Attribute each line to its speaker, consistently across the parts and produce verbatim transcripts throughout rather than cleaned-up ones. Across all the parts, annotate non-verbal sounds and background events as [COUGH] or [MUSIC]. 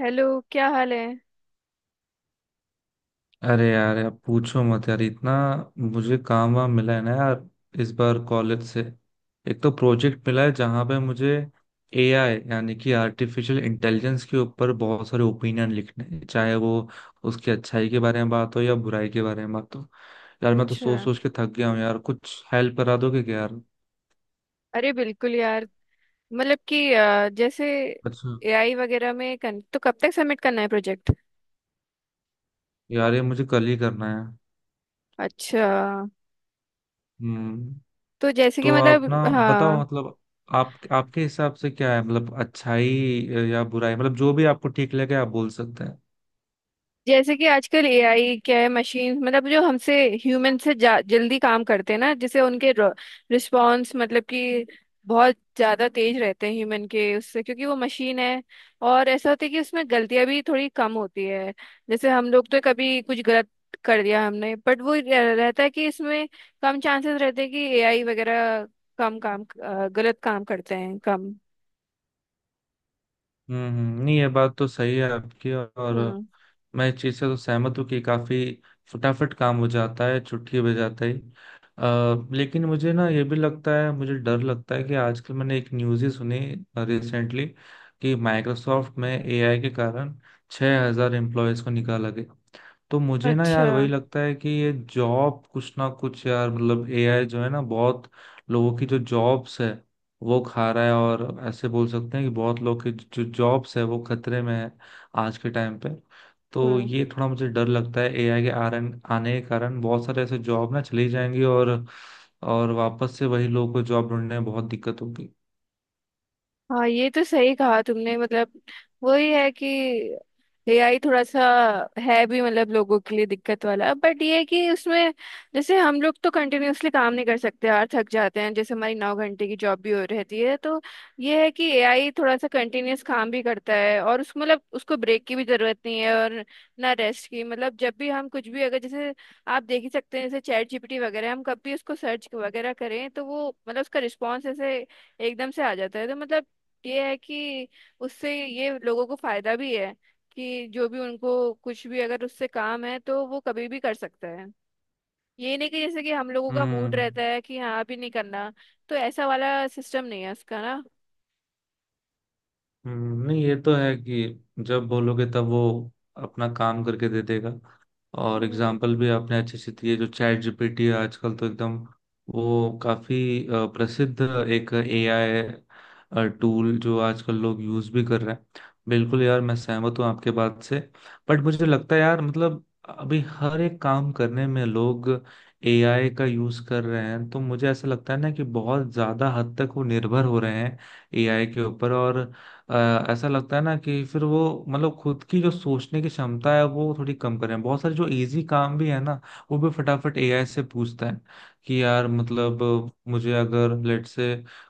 Speaker 1: Hello. क्या हाल है?
Speaker 2: अरे यार यार, पूछो मत यार। इतना मुझे काम वाम मिला है ना यार इस बार कॉलेज से। एक तो प्रोजेक्ट मिला है जहाँ पे मुझे एआई यानी कि आर्टिफिशियल इंटेलिजेंस के ऊपर बहुत सारे ओपिनियन लिखने हैं, चाहे वो उसकी अच्छाई के बारे में बात हो या बुराई के बारे में बात हो। यार मैं तो सोच
Speaker 1: अच्छा,
Speaker 2: सोच के थक गया हूँ यार, कुछ हेल्प करा दोगे क्या यार?
Speaker 1: अरे बिल्कुल यार। मतलब कि अ, जैसे
Speaker 2: अच्छा,
Speaker 1: एआई वगैरह में कन, तो कब तक सबमिट करना है प्रोजेक्ट?
Speaker 2: यार ये मुझे कल ही करना है।
Speaker 1: अच्छा,
Speaker 2: हम्म।
Speaker 1: तो जैसे कि
Speaker 2: तो आप ना
Speaker 1: मतलब
Speaker 2: बताओ
Speaker 1: हाँ,
Speaker 2: मतलब आप आपके हिसाब से क्या है, मतलब अच्छाई या बुराई, मतलब जो भी आपको ठीक लगे आप बोल सकते हैं।
Speaker 1: जैसे कि आजकल एआई क्या है? मशीन मतलब जो हमसे ह्यूमन से जा, जल्दी काम करते हैं ना, जिसे उनके रिस्पॉन्स मतलब कि बहुत ज्यादा तेज रहते हैं ह्यूमन के उससे, क्योंकि वो मशीन है। और ऐसा होता है कि उसमें गलतियां भी थोड़ी कम होती है। जैसे हम लोग तो कभी कुछ गलत कर दिया हमने, बट वो रह- रहता है कि इसमें कम चांसेस रहते हैं कि एआई वगैरह कम काम अ, गलत काम करते हैं कम।
Speaker 2: हम्म हम्म, नहीं ये बात तो सही है आपकी। और
Speaker 1: हम्म।
Speaker 2: मैं इस चीज से तो सहमत हूँ कि काफी फटाफट काम हो जाता है, छुट्टी बजाते ही। आ, लेकिन मुझे ना ये भी लगता है, मुझे डर लगता है कि आजकल मैंने एक न्यूज़ ही सुनी रिसेंटली कि माइक्रोसॉफ्ट में एआई के कारण छह हज़ार हजार एम्प्लॉयज को निकाला गया। तो मुझे ना यार
Speaker 1: अच्छा।
Speaker 2: वही लगता है कि ये जॉब कुछ ना कुछ यार, मतलब एआई जो है ना बहुत लोगों की जो जॉब्स है वो खा रहा है। और ऐसे बोल सकते हैं कि बहुत लोग की जो जॉब्स है वो खतरे में है आज के टाइम पे। तो
Speaker 1: हम्म।
Speaker 2: ये थोड़ा मुझे डर लगता है एआई के आरन आने के कारण बहुत सारे ऐसे जॉब ना चली जाएंगी। और और वापस से वही लोगों को जॉब ढूंढने में बहुत दिक्कत होगी।
Speaker 1: हाँ, ये तो सही कहा तुमने। मतलब वही है कि एआई थोड़ा सा है भी मतलब लोगों के लिए दिक्कत वाला, बट ये है कि उसमें जैसे हम लोग तो कंटिन्यूअसली काम नहीं कर सकते यार, थक जाते हैं, जैसे हमारी नौ घंटे की जॉब भी हो रहती है, तो ये है कि एआई थोड़ा सा कंटिन्यूअस काम भी करता है और उसको मतलब उसको ब्रेक की भी जरूरत नहीं है और ना रेस्ट की। मतलब जब भी हम कुछ भी अगर जैसे आप देख ही सकते हैं, जैसे चैट जीपीटी वगैरह, हम कभी उसको सर्च वगैरह करें तो वो मतलब उसका रिस्पॉन्स ऐसे एकदम से आ जाता है। तो मतलब ये है कि उससे ये लोगों को फायदा भी है कि जो भी उनको कुछ भी अगर उससे काम है तो वो कभी भी कर सकता है। ये नहीं कि जैसे कि हम लोगों का मूड
Speaker 2: हम्म
Speaker 1: रहता है कि हाँ अभी नहीं करना, तो ऐसा वाला सिस्टम नहीं है उसका ना।
Speaker 2: हम्म, नहीं ये तो है कि जब बोलोगे तब वो अपना काम करके दे देगा। और
Speaker 1: हम्म।
Speaker 2: एग्जाम्पल भी आपने अच्छे से दिए, जो चैट जीपीटी आजकल तो एकदम, वो काफी अ, प्रसिद्ध एक एआई टूल जो आजकल लोग यूज भी कर रहे हैं। बिल्कुल यार मैं सहमत हूँ आपके बात से, बट मुझे लगता है यार, मतलब अभी हर एक काम करने में लोग एआई का यूज कर रहे हैं। तो मुझे ऐसा लगता है ना कि बहुत ज्यादा हद तक वो निर्भर हो रहे हैं एआई के ऊपर, और अ, ऐसा लगता है ना कि फिर वो, मतलब खुद की जो सोचने की क्षमता है वो थोड़ी कम करें। बहुत सारे जो इजी काम भी है ना वो भी फटाफट एआई से पूछता है कि यार मतलब, अ, मुझे अगर लेट से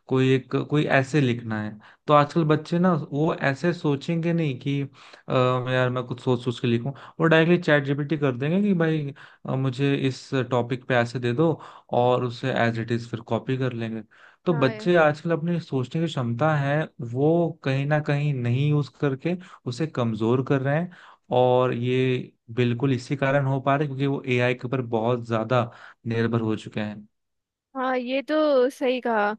Speaker 2: कोई एक कोई ऐसे लिखना है, तो आजकल बच्चे ना वो ऐसे सोचेंगे नहीं कि अ, यार मैं कुछ सोच सोच के लिखूं। वो डायरेक्टली चैट जीपीटी कर देंगे कि भाई अ, मुझे इस टॉपिक पे ऐसे दे दो, और उसे एज इट इज फिर कॉपी कर लेंगे। तो
Speaker 1: हाँ ये-
Speaker 2: बच्चे आजकल अपनी सोचने की क्षमता है वो कहीं ना कहीं नहीं यूज करके उसे कमजोर कर रहे हैं। और ये बिल्कुल इसी कारण हो पा रहा है क्योंकि वो एआई के ऊपर बहुत ज्यादा निर्भर हो चुके हैं।
Speaker 1: हाँ, ये तो सही कहा।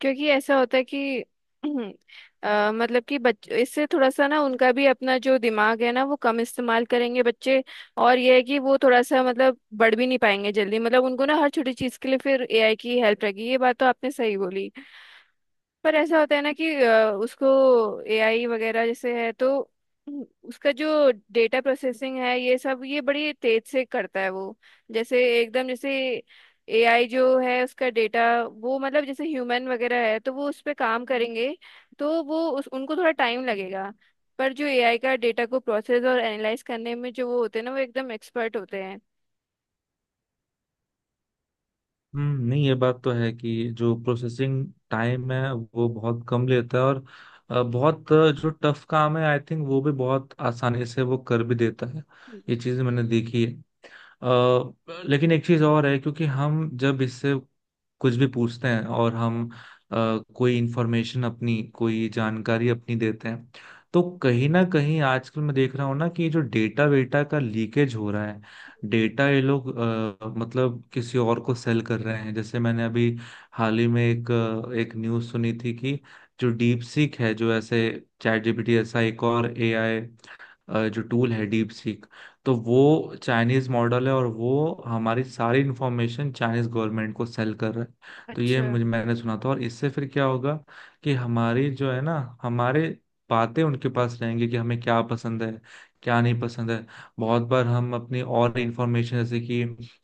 Speaker 1: क्योंकि ऐसा होता है कि [CLEARS THROAT] अ, मतलब कि बच इससे थोड़ा सा ना उनका भी अपना जो दिमाग है ना वो कम इस्तेमाल करेंगे बच्चे। और ये है कि वो थोड़ा सा मतलब बढ़ भी नहीं पाएंगे जल्दी, मतलब उनको ना हर छोटी चीज के लिए फिर एआई की हेल्प रहेगी। ये बात तो आपने सही बोली। पर ऐसा होता है ना कि अ, उसको एआई वगैरह जैसे है तो उसका जो डेटा प्रोसेसिंग है ये सब ये बड़ी तेज से करता है वो, जैसे एकदम जैसे एआई जो है उसका डेटा वो मतलब जैसे ह्यूमन वगैरह है तो वो उस पर काम करेंगे तो वो उस उनको थोड़ा टाइम लगेगा। पर जो एआई का डेटा को प्रोसेस और एनालाइज करने में जो वो होते हैं ना वो एकदम एक्सपर्ट होते हैं।
Speaker 2: हम्म, नहीं ये बात तो है कि जो प्रोसेसिंग टाइम है वो बहुत कम लेता है, और अ, बहुत अ, जो टफ काम है आई थिंक वो भी बहुत आसानी से वो कर भी देता है। ये
Speaker 1: हम्म,
Speaker 2: चीज मैंने देखी है। अ, लेकिन एक चीज और है क्योंकि हम जब इससे कुछ भी पूछते हैं और हम अ, कोई इंफॉर्मेशन अपनी, कोई जानकारी अपनी देते हैं, तो कहीं ना कहीं आजकल मैं देख रहा हूँ ना कि ये जो डेटा वेटा का लीकेज हो रहा है,
Speaker 1: हम्म,
Speaker 2: डेटा ये लोग अ, मतलब किसी और को सेल कर रहे हैं। जैसे मैंने अभी हाल ही में एक अ, एक न्यूज़ सुनी थी कि जो डीप सीक है, जो ऐसे चैट जीपीटी ऐसा एक और एआई अ, जो टूल है डीप सीक, तो
Speaker 1: हम्म।
Speaker 2: वो चाइनीज मॉडल है और वो हमारी सारी इंफॉर्मेशन चाइनीज गवर्नमेंट को सेल कर रहा है। तो ये
Speaker 1: अच्छा।
Speaker 2: मुझे, मैंने सुना था। और इससे फिर क्या होगा कि हमारी जो है ना, हमारे बातें उनके पास रहेंगी कि हमें क्या पसंद है, क्या नहीं पसंद है। बहुत बार हम अपनी और इंफॉर्मेशन, जैसे कि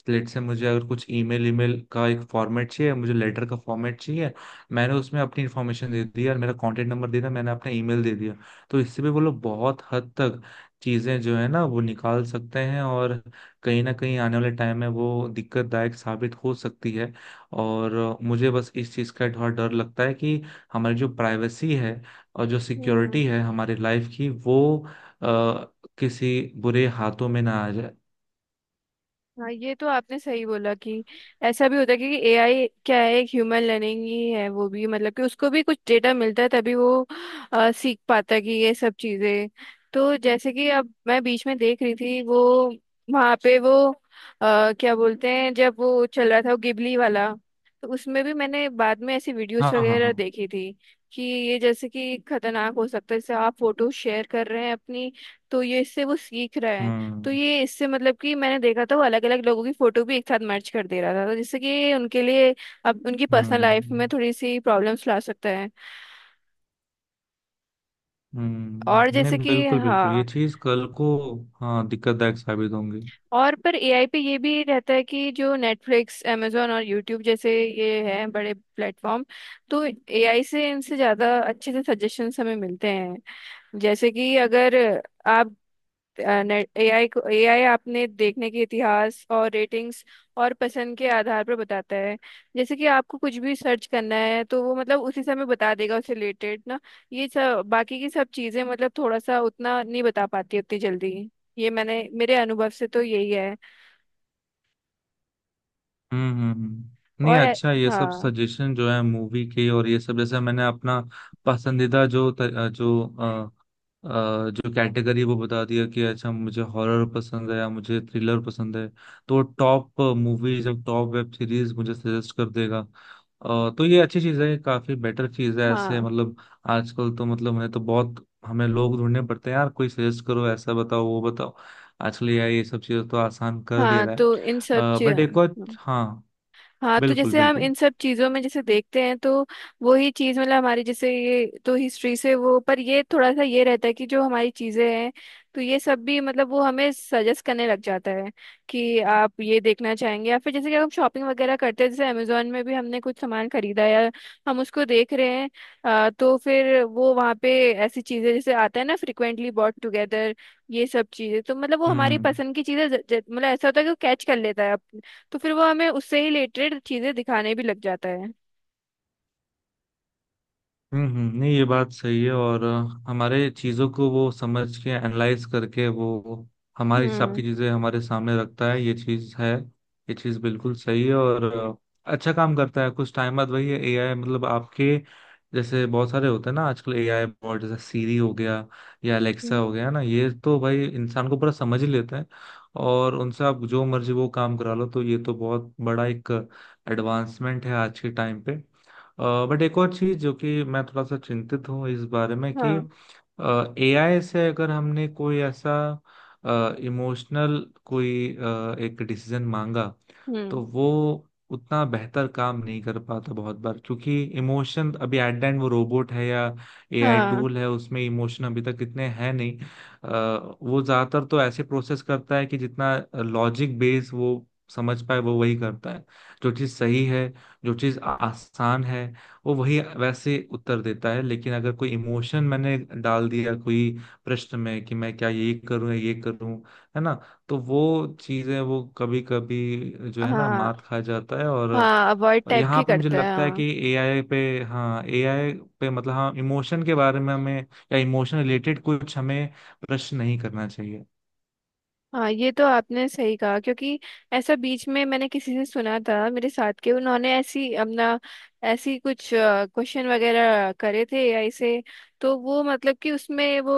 Speaker 2: लेट से मुझे अगर कुछ ईमेल ईमेल का एक फॉर्मेट चाहिए, मुझे लेटर का फॉर्मेट चाहिए, मैंने उसमें अपनी इन्फॉर्मेशन दे दी और मेरा कॉन्टेक्ट नंबर दे दिया, मैंने अपना ईमेल दे दिया, तो इससे भी वो लोग बहुत हद तक चीजें जो है ना वो निकाल सकते हैं। और कहीं ना कहीं आने वाले टाइम में वो दिक्कतदायक साबित हो सकती है। और मुझे बस इस चीज का थोड़ा डर लगता है कि हमारी जो प्राइवेसी है और जो
Speaker 1: हम्म।
Speaker 2: सिक्योरिटी है हमारी लाइफ की, वो आ, किसी बुरे हाथों में ना आ जाए।
Speaker 1: हाँ, ये तो आपने सही बोला कि ऐसा भी होता है कि एआई क्या है? एक ह्यूमन लर्निंग ही है वो भी, मतलब कि उसको भी कुछ डेटा मिलता है तभी वो अ, सीख पाता है कि ये सब चीजें। तो जैसे कि अब मैं बीच में देख रही थी वो, वहाँ पे वो अ, क्या बोलते हैं जब वो चल रहा था वो गिबली वाला, तो उसमें भी मैंने बाद में ऐसी वीडियोस
Speaker 2: हाँ हाँ
Speaker 1: वगैरह
Speaker 2: हाँ।
Speaker 1: देखी थी कि ये जैसे कि खतरनाक हो सकता है। जैसे आप फोटो शेयर कर रहे हैं अपनी, तो ये इससे वो सीख रहा है। तो
Speaker 2: हम्म
Speaker 1: ये इससे मतलब कि मैंने देखा था वो अलग अलग लोगों की फोटो भी एक साथ मर्ज कर दे रहा था, तो जिससे कि उनके लिए अब उनकी पर्सनल लाइफ
Speaker 2: हम्म
Speaker 1: में थोड़ी सी प्रॉब्लम्स ला सकता है।
Speaker 2: हम्म
Speaker 1: और
Speaker 2: हम्म।
Speaker 1: जैसे
Speaker 2: नहीं,
Speaker 1: कि
Speaker 2: बिल्कुल बिल्कुल, ये
Speaker 1: हाँ,
Speaker 2: चीज कल को हाँ दिक्कतदायक साबित होंगी।
Speaker 1: और पर एआई पे ये भी रहता है कि जो नेटफ्लिक्स amazon और यूट्यूब जैसे ये हैं बड़े प्लेटफॉर्म, तो एआई से इनसे ज़्यादा अच्छे से सजेशंस हमें मिलते हैं। जैसे कि अगर आप एआई को एआई आपने देखने के इतिहास और रेटिंग्स और पसंद के आधार पर बताता है। जैसे कि आपको कुछ भी सर्च करना है तो वो मतलब उसी समय बता देगा उससे रिलेटेड ना। ये सब बाकी की सब चीजें मतलब थोड़ा सा उतना नहीं बता पाती उतनी जल्दी। ये मैंने मेरे अनुभव से तो यही है।
Speaker 2: हम्म हम्म, हम्म। नहीं
Speaker 1: और ए-
Speaker 2: अच्छा, ये सब
Speaker 1: हाँ,
Speaker 2: सजेशन जो है मूवी के और ये सब, जैसे मैंने अपना पसंदीदा जो त- अ, जो अ, अ, जो कैटेगरी वो बता दिया कि अच्छा मुझे हॉरर पसंद है या मुझे थ्रिलर पसंद है, तो टॉप मूवीज और टॉप वेब सीरीज मुझे सजेस्ट कर देगा। अ, तो ये अच्छी चीज़ है, काफी बेटर चीज़ है ऐसे,
Speaker 1: हाँ,
Speaker 2: मतलब आजकल तो मतलब मैंने तो बहुत, हमें लोग ढूंढने पड़ते हैं यार, कोई सजेस्ट करो ऐसा बताओ वो बताओ। आजकल ये ये सब चीज़ें तो आसान कर दे
Speaker 1: हाँ।
Speaker 2: रहा
Speaker 1: तो इन सब
Speaker 2: है,
Speaker 1: चीज,
Speaker 2: बट एक और हाँ।
Speaker 1: हाँ, तो
Speaker 2: बिल्कुल
Speaker 1: जैसे हम
Speaker 2: बिल्कुल।
Speaker 1: इन सब चीजों में जैसे देखते हैं, तो वही चीज मतलब हमारी जैसे ये तो हिस्ट्री से वो, पर ये थोड़ा सा ये रहता है कि जो हमारी चीजें हैं तो ये सब भी मतलब वो हमें सजेस्ट करने लग जाता है कि आप ये देखना चाहेंगे। या फिर जैसे कि हम शॉपिंग वगैरह करते हैं, जैसे अमेजोन में भी हमने कुछ सामान खरीदा या हम उसको देख रहे हैं, अ, तो फिर वो वहाँ पे ऐसी चीजें जैसे आता है ना फ्रिक्वेंटली बॉट टुगेदर, ये सब चीजें तो मतलब वो हमारी
Speaker 2: हम्म
Speaker 1: पसंद की चीजें ज- ज- मतलब ऐसा होता है कि वो कैच कर लेता है। तो फिर वो हमें उससे ही रिलेटेड चीजें दिखाने भी लग जाता है।
Speaker 2: हम्म हम्म, नहीं ये बात सही है। और अ, हमारे चीज़ों को वो समझ के एनालाइज करके वो हमारे हिसाब की
Speaker 1: हम्म,
Speaker 2: चीज़ें हमारे सामने रखता है, ये चीज़ है। ये चीज़ बिल्कुल सही है, और अ, अच्छा काम करता है कुछ टाइम बाद, वही है एआई मतलब आपके जैसे। बहुत सारे होते हैं ना आजकल एआई बॉट, जैसे सीरी हो गया या अलेक्सा
Speaker 1: हम्म,
Speaker 2: हो गया ना, ये तो भाई इंसान को पूरा समझ ही लेते हैं। और उनसे आप जो मर्जी वो काम करा लो, तो ये तो बहुत बड़ा एक एडवांसमेंट है आज के टाइम पे। बट एक और चीज जो कि मैं थोड़ा सा चिंतित हूँ इस बारे में कि
Speaker 1: हाँ।
Speaker 2: एआई से अगर हमने कोई ऐसा इमोशनल कोई अ, एक डिसीजन मांगा,
Speaker 1: हम्म।
Speaker 2: तो वो उतना बेहतर काम नहीं कर पाता बहुत बार, क्योंकि इमोशन अभी, एट द एंड वो रोबोट है या एआई
Speaker 1: हाँ,
Speaker 2: टूल है, उसमें इमोशन अभी तक इतने हैं नहीं। अ, वो ज्यादातर तो ऐसे प्रोसेस करता है कि जितना लॉजिक बेस वो समझ पाए वो वही करता है। जो चीज सही है, जो चीज आसान है, वो वही वैसे उत्तर देता है। लेकिन अगर कोई इमोशन मैंने डाल दिया कोई प्रश्न में कि मैं क्या, ये करूं या ये करूं, है ना, तो वो चीजें वो कभी कभी जो है ना
Speaker 1: हाँ,
Speaker 2: मात खा जाता है। और
Speaker 1: हाँ, अवॉइड टाइप
Speaker 2: यहाँ
Speaker 1: की
Speaker 2: पे मुझे
Speaker 1: करते हैं
Speaker 2: लगता है
Speaker 1: हाँ।
Speaker 2: कि एआई पे, हाँ एआई पे, मतलब हाँ इमोशन के बारे में हमें, या इमोशन रिलेटेड कुछ हमें प्रश्न नहीं करना चाहिए।
Speaker 1: हाँ, ये तो आपने सही कहा। क्योंकि ऐसा बीच में मैंने किसी से सुना था, मेरे साथ के उन्होंने ऐसी अपना ऐसी कुछ क्वेश्चन वगैरह करे थे एआई से, तो वो मतलब कि उसमें वो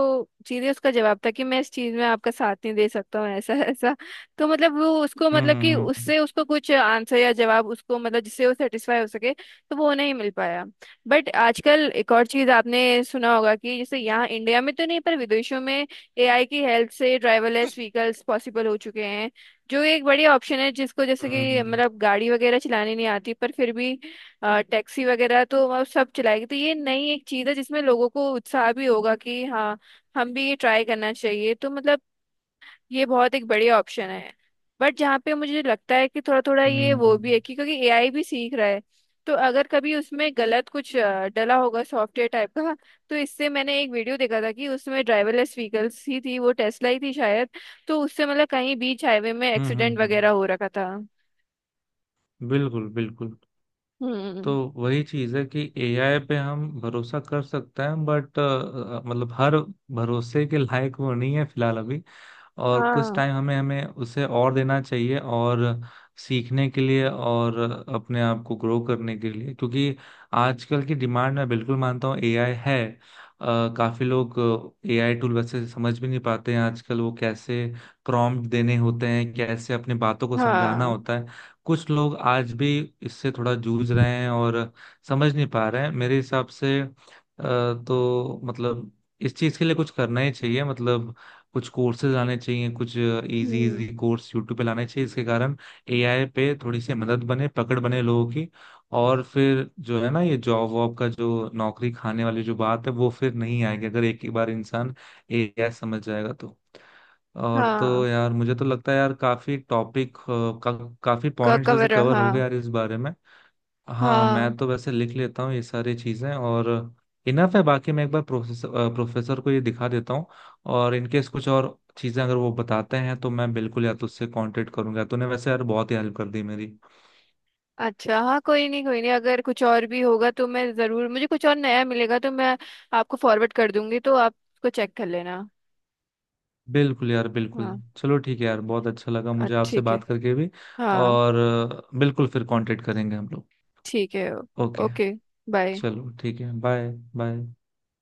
Speaker 1: सीधे उसका जवाब था कि मैं इस चीज में आपका साथ नहीं दे सकता हूँ ऐसा। [LAUGHS] ऐसा तो मतलब वो उसको
Speaker 2: हम्म
Speaker 1: मतलब कि
Speaker 2: हम्म
Speaker 1: उससे उसको कुछ आंसर या जवाब उसको मतलब जिससे वो सेटिस्फाई हो सके तो वो नहीं मिल पाया। बट आजकल एक और चीज आपने सुना होगा कि जैसे यहाँ इंडिया में तो नहीं पर विदेशों में एआई की हेल्प से ड्राइवरलेस व्हीकल्स पॉसिबल हो चुके हैं, जो एक बड़ी ऑप्शन है जिसको जैसे
Speaker 2: हम्म
Speaker 1: कि
Speaker 2: हम्म
Speaker 1: मतलब गाड़ी वगैरह चलानी नहीं आती पर फिर भी टैक्सी वगैरह तो अब सब चलाएगी। तो ये नई एक चीज़ है जिसमें लोगों को उत्साह भी होगा कि हाँ हम भी ये ट्राई करना चाहिए। तो मतलब ये बहुत एक बढ़िया ऑप्शन है। बट जहाँ पे मुझे लगता है कि थोड़ा थोड़ा ये वो
Speaker 2: हम्म
Speaker 1: भी है कि क्योंकि एआई भी सीख रहा है तो अगर कभी उसमें गलत कुछ अ, डला होगा सॉफ्टवेयर टाइप का, तो इससे मैंने एक वीडियो देखा था कि उसमें ड्राइवरलेस व्हीकल्स ही थी, वो टेस्ला ही थी शायद, तो उससे मतलब कहीं बीच हाईवे में
Speaker 2: हम्म हम्म
Speaker 1: एक्सीडेंट
Speaker 2: हम्म, हम्म,
Speaker 1: वगैरह हो रखा था।
Speaker 2: बिल्कुल बिल्कुल। तो
Speaker 1: हम्म।
Speaker 2: वही चीज है कि एआई पे हम भरोसा कर सकते हैं बट मतलब हर भरोसे के लायक वो नहीं है फिलहाल अभी। और कुछ
Speaker 1: हाँ,
Speaker 2: टाइम हमें हमें उसे और देना चाहिए, और सीखने के लिए और अपने आप को ग्रो करने के लिए, क्योंकि आजकल की डिमांड मैं बिल्कुल मानता हूँ एआई है। अ, काफी लोग एआई टूल वैसे समझ भी नहीं पाते हैं आजकल, वो कैसे प्रॉम्प्ट देने होते हैं, कैसे अपनी बातों को समझाना
Speaker 1: हाँ।
Speaker 2: होता है। कुछ लोग आज भी इससे थोड़ा जूझ रहे हैं और समझ नहीं पा रहे हैं मेरे हिसाब से। अ, तो मतलब इस चीज के लिए कुछ करना ही चाहिए, मतलब कुछ कोर्सेज आने चाहिए, कुछ इजी
Speaker 1: हम्म।
Speaker 2: इजी कोर्स यूट्यूब पे लाने चाहिए, इसके कारण एआई पे थोड़ी सी मदद बने, पकड़ बने लोगों की। और फिर जो है ना ये जॉब वॉब का जो नौकरी खाने वाली जो बात है वो फिर नहीं आएगी, अगर एक ही बार इंसान एआई समझ जाएगा तो। और
Speaker 1: हाँ
Speaker 2: तो यार मुझे तो लगता है यार काफी टॉपिक का, काफी
Speaker 1: का
Speaker 2: पॉइंट्स ऐसे
Speaker 1: कवर,
Speaker 2: कवर
Speaker 1: हाँ।
Speaker 2: हो गए यार इस बारे में। हाँ
Speaker 1: हाँ,
Speaker 2: मैं तो वैसे लिख लेता हूँ ये सारी चीज़ें, और इनफ है बाकी। मैं एक बार प्रोफेसर अ, प्रोफेसर को ये दिखा देता हूँ, और इनकेस कुछ और चीज़ें अगर वो बताते हैं तो मैं बिल्कुल या तो उससे कांटेक्ट करूंगा। तूने वैसे यार बहुत ही हेल्प कर दी मेरी।
Speaker 1: अच्छा, हाँ, कोई नहीं, कोई नहीं, अगर कुछ और भी होगा तो मैं ज़रूर, मुझे कुछ और नया मिलेगा तो मैं आपको फॉरवर्ड कर दूंगी तो आप उसको चेक कर लेना।
Speaker 2: बिल्कुल यार बिल्कुल,
Speaker 1: हाँ,
Speaker 2: चलो ठीक है यार, बहुत अच्छा लगा
Speaker 1: अ-
Speaker 2: मुझे आपसे
Speaker 1: ठीक है।
Speaker 2: बात करके भी।
Speaker 1: हाँ।
Speaker 2: और अ, बिल्कुल फिर कांटेक्ट करेंगे हम लोग।
Speaker 1: ठीक है।
Speaker 2: ओके।
Speaker 1: ओके। बाय।
Speaker 2: चलो ठीक है, बाय। बाय।